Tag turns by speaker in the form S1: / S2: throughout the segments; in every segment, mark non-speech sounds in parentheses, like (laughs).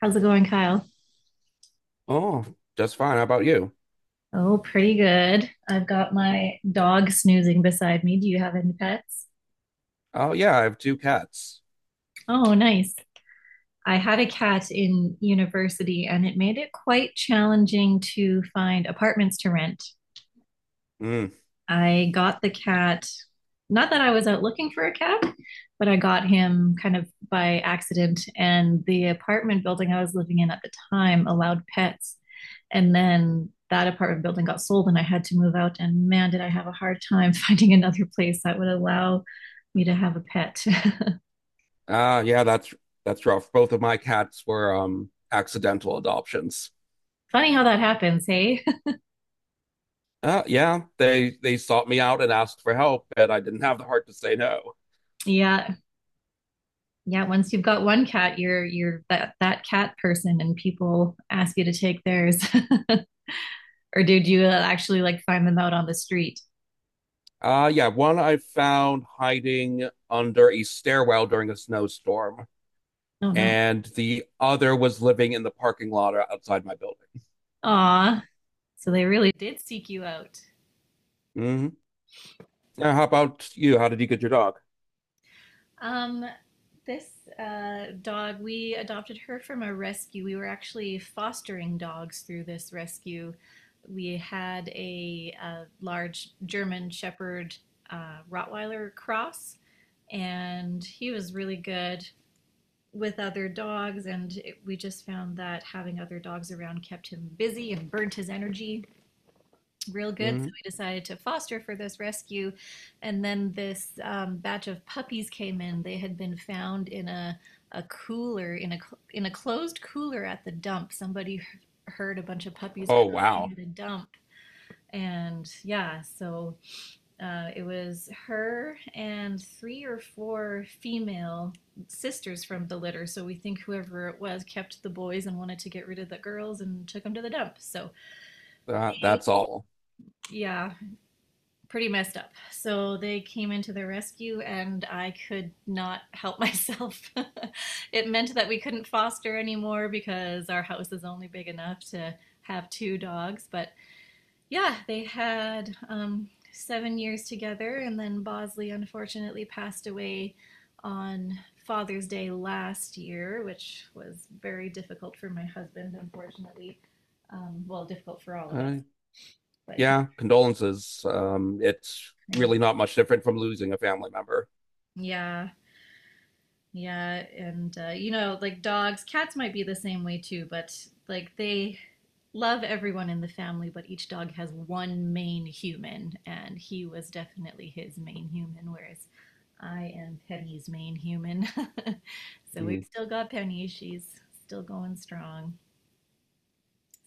S1: How's it going, Kyle?
S2: Oh, just fine. How about you?
S1: Oh, pretty good. I've got my dog snoozing beside me. Do you have any pets?
S2: Oh, yeah, I have two cats.
S1: Oh, nice. I had a cat in university and it made it quite challenging to find apartments to rent.
S2: Mm.
S1: I got the cat, not that I was out looking for a cat, but I got him kind of by accident. And the apartment building I was living in at the time allowed pets. And then that apartment building got sold and I had to move out. And man, did I have a hard time (laughs) finding another place that would allow me to have a pet.
S2: Ah, yeah, that's rough. Both of my cats were accidental adoptions.
S1: (laughs) Funny how that happens, hey?
S2: Yeah, they sought me out and asked for help, and I didn't have the heart to say no.
S1: (laughs) Yeah. Yeah, once you've got one cat, you're that cat person and people ask you to take theirs. (laughs) Or did you actually like find them out on the street?
S2: Yeah, one I found hiding under a stairwell during a snowstorm,
S1: No, no.
S2: and the other was living in the parking lot outside my building.
S1: Aw. So they really did seek you out.
S2: Hmm. Yeah, how about you? How did you get your dog?
S1: Um, this dog, we adopted her from a rescue. We were actually fostering dogs through this rescue. We had a, uh, large German Shepherd, Rottweiler cross, and he was really good with other dogs. And it, we just found that having other dogs around kept him busy and burnt his energy real good. So
S2: Hmm.
S1: we decided to foster for this rescue. And then this batch of puppies came in. They had been found in a cooler, in a closed cooler at the dump. Somebody heard a bunch of puppies
S2: Oh,
S1: crying
S2: wow.
S1: at a dump. And yeah, so it was her and three or four female sisters from the litter. So we think whoever it was kept the boys and wanted to get rid of the girls and took them to the dump. So
S2: That's all.
S1: yeah, pretty messed up. So they came into the rescue, and I could not help myself. (laughs) It meant that we couldn't foster anymore because our house is only big enough to have two dogs. But yeah, they had 7 years together, and then Bosley unfortunately passed away on Father's Day last year, which was very difficult for my husband, unfortunately. Well, difficult for all of us,
S2: Uh,
S1: but he,
S2: yeah, condolences. It's really not much different from losing a family member.
S1: yeah. Yeah, and you know, like dogs, cats might be the same way too, but like they love everyone in the family, but each dog has one main human, and he was definitely his main human, whereas I am Penny's main human. (laughs) So we've
S2: Mm.
S1: still got Penny. She's still going strong.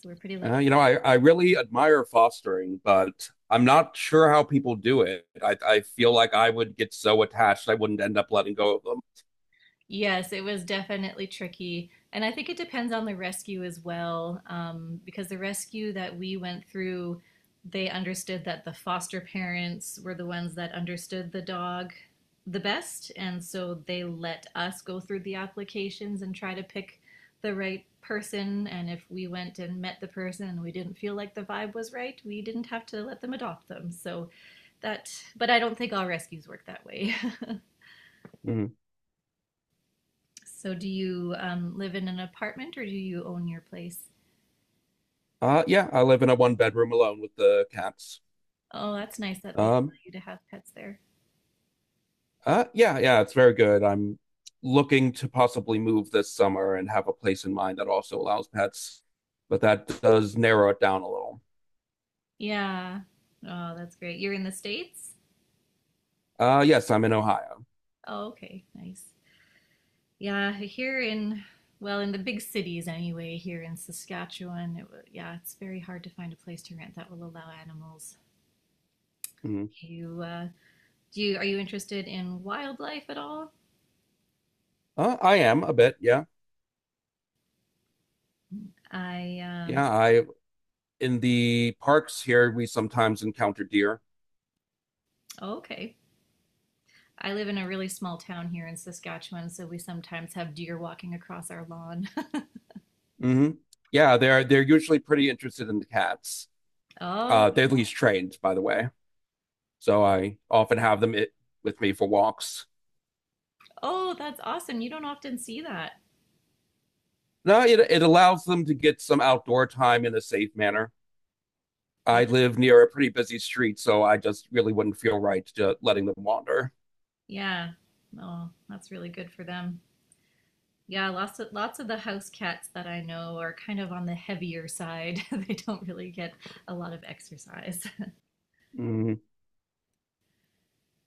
S1: So we're pretty lucky.
S2: You know, I really admire fostering, but I'm not sure how people do it. I feel like I would get so attached, I wouldn't end up letting go of them.
S1: Yes, it was definitely tricky. And I think it depends on the rescue as well, because the rescue that we went through, they understood that the foster parents were the ones that understood the dog the best. And so they let us go through the applications and try to pick the right person. And if we went and met the person and we didn't feel like the vibe was right, we didn't have to let them adopt them. So that, but I don't think all rescues work that way. (laughs)
S2: Mm.
S1: So do you live in an apartment or do you own your place?
S2: Yeah, I live in a one bedroom alone with the cats.
S1: Oh, that's nice that they allow
S2: Um,
S1: you to have pets there.
S2: yeah, yeah, it's very good. I'm looking to possibly move this summer and have a place in mind that also allows pets, but that does narrow it down a little.
S1: Yeah. Oh, that's great. You're in the States?
S2: Yes, I'm in Ohio.
S1: Oh, okay. Nice. Yeah, here in, well, in the big cities anyway, here in Saskatchewan, it, wa- yeah, it's very hard to find a place to rent that will allow animals.
S2: Mm-hmm.
S1: You, do you, are you interested in wildlife at all?
S2: I am a bit, yeah.
S1: I, um,
S2: Yeah, I in the parks here we sometimes encounter deer.
S1: oh, okay. I live in a really small town here in Saskatchewan, so we sometimes have deer walking across our lawn.
S2: Hmm. Yeah, they're usually pretty interested in the cats.
S1: Oh,
S2: They're least trained, by the way. So I often have them with me for walks.
S1: oh, that's awesome. You don't often see that.
S2: No, it allows them to get some outdoor time in a safe manner.
S1: Yeah,
S2: I live near a pretty busy street, so I just really wouldn't feel right to letting them wander.
S1: yeah. Oh, that's really good for them. Yeah, lots of the house cats that I know are kind of on the heavier side. (laughs) They don't really get a lot of exercise. (laughs)
S2: Mhm.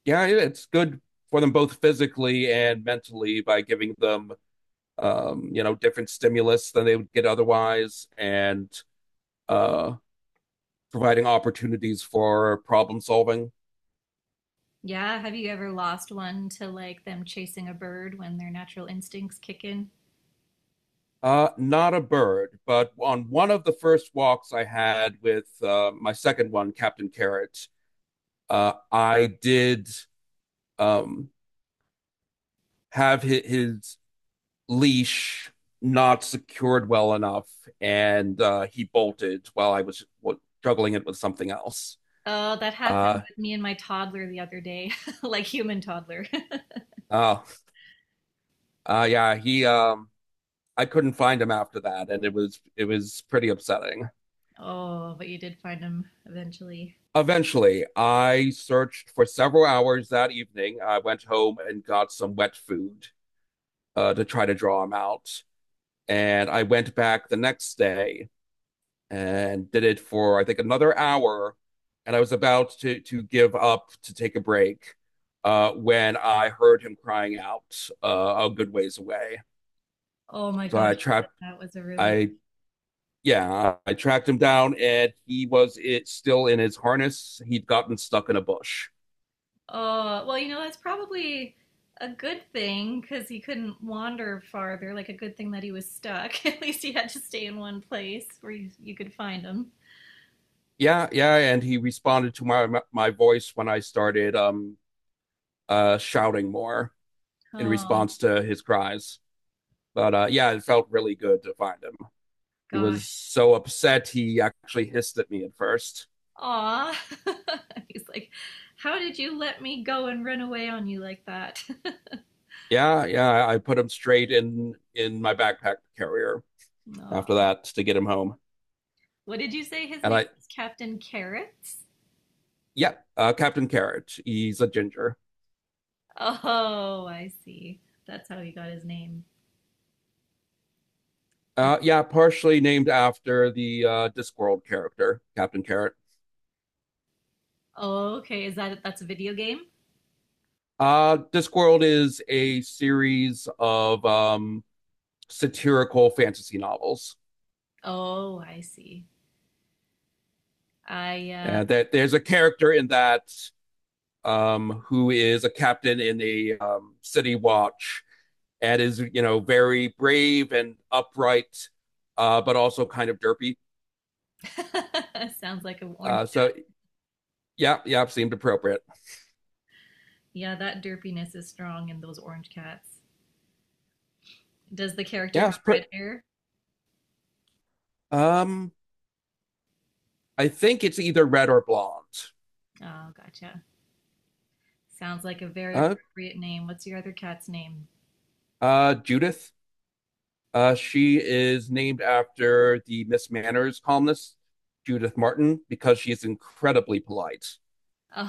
S2: Yeah, it's good for them both physically and mentally by giving them you know, different stimulus than they would get otherwise, and uh, providing opportunities for problem solving.
S1: Yeah, have you ever lost one to like them chasing a bird when their natural instincts kick in?
S2: Not a bird, but on one of the first walks I had with my second one, Captain Carrot, I did um, have his leash not secured well enough, and he bolted while I was juggling it with something else.
S1: Oh, that
S2: Uh,
S1: happened with me and my toddler the other day, (laughs) like human toddler. (laughs)
S2: oh, yeah, he I couldn't find him after that, and it was pretty upsetting.
S1: Oh, but you did find him eventually.
S2: Eventually, I searched for several hours that evening. I went home and got some wet food to try to draw him out, and I went back the next day and did it for I think another hour, and I was about to give up to take a break when I heard him crying out a good ways away.
S1: Oh my
S2: So I
S1: gosh, that
S2: trapped
S1: that was a really—
S2: I yeah, I tracked him down and he was it still in his harness. He'd gotten stuck in a bush.
S1: Oh, well, you know, that's probably a good thing because he couldn't wander farther. Like, a good thing that he was stuck. (laughs) At least he had to stay in one place where you could find him.
S2: Yeah, yeah, and he responded to my voice when I started shouting more in
S1: Oh,
S2: response to his cries. But yeah, it felt really good to find him. He was
S1: gosh.
S2: so upset he actually hissed at me at first.
S1: Aw. (laughs) He's like, how did you let me go and run away on you like that?
S2: Yeah, yeah, I put him straight in my backpack carrier
S1: (laughs)
S2: after
S1: Aw.
S2: that to get him home.
S1: What did you say his
S2: And
S1: name
S2: I
S1: was? Captain Carrots?
S2: yeah, Captain Carrot, he's a ginger.
S1: Oh, I see. That's how he got his name. That's,
S2: Yeah, partially named after the Discworld character, Captain Carrot.
S1: oh, okay. Is that, that's a video game?
S2: Discworld is a series of satirical fantasy novels.
S1: Oh, I see. I, uh—
S2: And that there's a character in that who is a captain in a city watch and is, you know, very brave and upright, but also kind of derpy.
S1: (laughs) Sounds like an orange
S2: Uh,
S1: cat.
S2: so yeah, yeah, seemed appropriate.
S1: Yeah, that derpiness is strong in those orange cats. Does the character
S2: Yeah,
S1: have red hair?
S2: um, I think it's either red or blonde.
S1: Oh, gotcha. Sounds like a very
S2: Uh,
S1: appropriate name. What's your other cat's name?
S2: Judith. She is named after the Miss Manners columnist, Judith Martin, because she is incredibly polite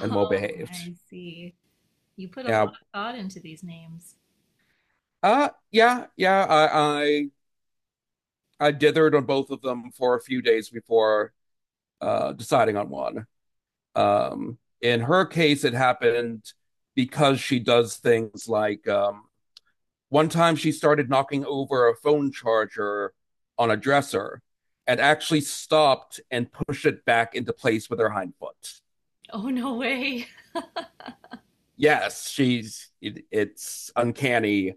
S2: and well behaved.
S1: I see. You put a lot
S2: Yeah.
S1: of thought into these names.
S2: Yeah, yeah. I dithered on both of them for a few days before deciding on one. In her case, it happened because she does things like one time she started knocking over a phone charger on a dresser and actually stopped and pushed it back into place with her hind foot.
S1: Oh, no way. (laughs)
S2: Yes, it's uncanny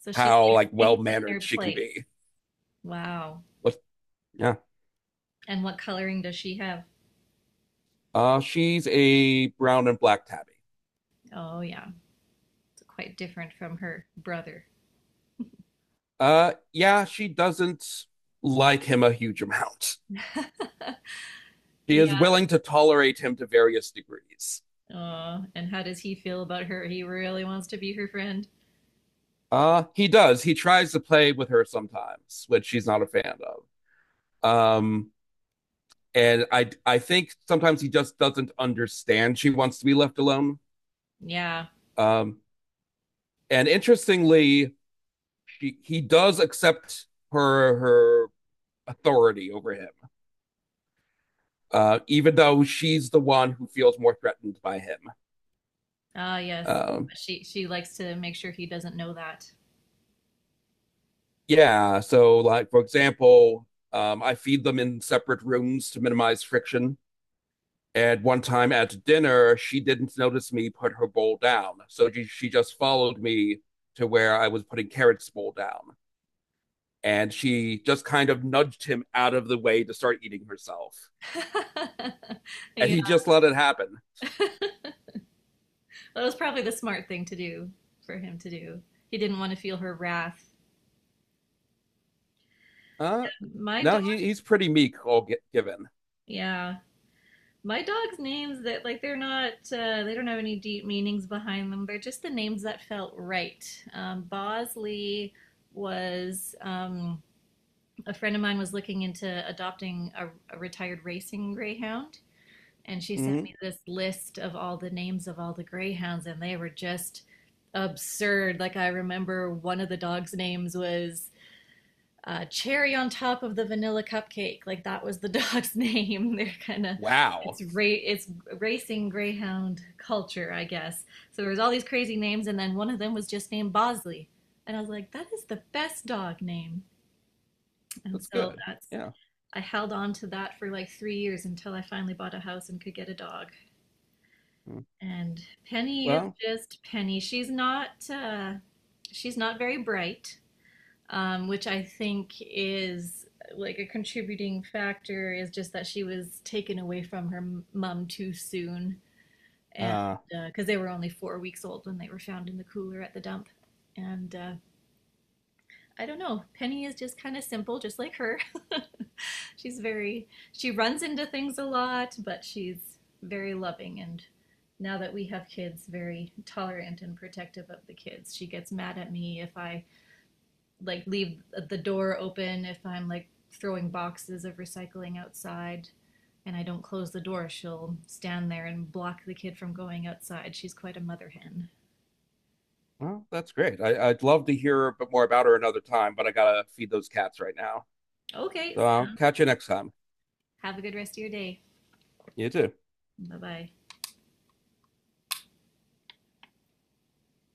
S1: So she
S2: how
S1: likes
S2: like well
S1: things in
S2: mannered
S1: their
S2: she can
S1: place.
S2: be.
S1: Wow.
S2: But yeah,
S1: And what coloring does she have?
S2: she's a brown and black tabby.
S1: Oh, yeah. It's quite different from her brother.
S2: Yeah, she doesn't like him a huge amount. She is
S1: Yeah.
S2: willing to tolerate him to various degrees.
S1: Oh, and how does he feel about her? He really wants to be her friend.
S2: He does. He tries to play with her sometimes, which she's not a fan of. Um, and I think sometimes he just doesn't understand she wants to be left alone.
S1: Yeah.
S2: Um, and interestingly, he does accept her authority over him, even though she's the one who feels more threatened by him.
S1: Ah, yes.
S2: Um,
S1: She likes to make sure he doesn't know that.
S2: yeah, so like for example, I feed them in separate rooms to minimize friction. At one time at dinner, she didn't notice me put her bowl down. So she just followed me to where I was putting Carrot's bowl down. And she just kind of nudged him out of the way to start eating herself.
S1: (laughs)
S2: And
S1: Yeah,
S2: he just let it happen.
S1: that was probably the smart thing to do, for him to do. He didn't want to feel her wrath.
S2: Uh,
S1: My
S2: no,
S1: dog,
S2: he's pretty meek, all get given.
S1: yeah. My dog's names, that, like, they're not they don't have any deep meanings behind them. They're just the names that felt right. Bosley was a friend of mine was looking into adopting a retired racing greyhound, and she sent
S2: Mhm.
S1: me this list of all the names of all the greyhounds, and they were just absurd. Like I remember one of the dogs' names was Cherry on top of the vanilla cupcake. Like that was the dog's (laughs) name. They're kind of,
S2: Wow.
S1: it's ra- it's racing greyhound culture, I guess. So there was all these crazy names, and then one of them was just named Bosley, and I was like, that is the best dog name. And
S2: That's
S1: so
S2: good.
S1: that's—
S2: Yeah.
S1: I held on to that for like 3 years until I finally bought a house and could get a dog.
S2: Mm.
S1: And Penny is
S2: Well,
S1: just Penny. She's not very bright, which I think is like a contributing factor is just that she was taken away from her mom too soon, and
S2: uh,
S1: because they were only 4 weeks old when they were found in the cooler at the dump, and I don't know. Penny is just kind of simple, just like her. (laughs) She's very, she runs into things a lot, but she's very loving and now that we have kids, very tolerant and protective of the kids. She gets mad at me if I like leave the door open, if I'm like throwing boxes of recycling outside and I don't close the door, she'll stand there and block the kid from going outside. She's quite a mother hen.
S2: well, that's great. I'd love to hear a bit more about her another time, but I gotta feed those cats right now.
S1: Okay,
S2: So I'll
S1: sounds.
S2: catch you next time.
S1: Have a good rest of your day.
S2: You too.
S1: Bye bye.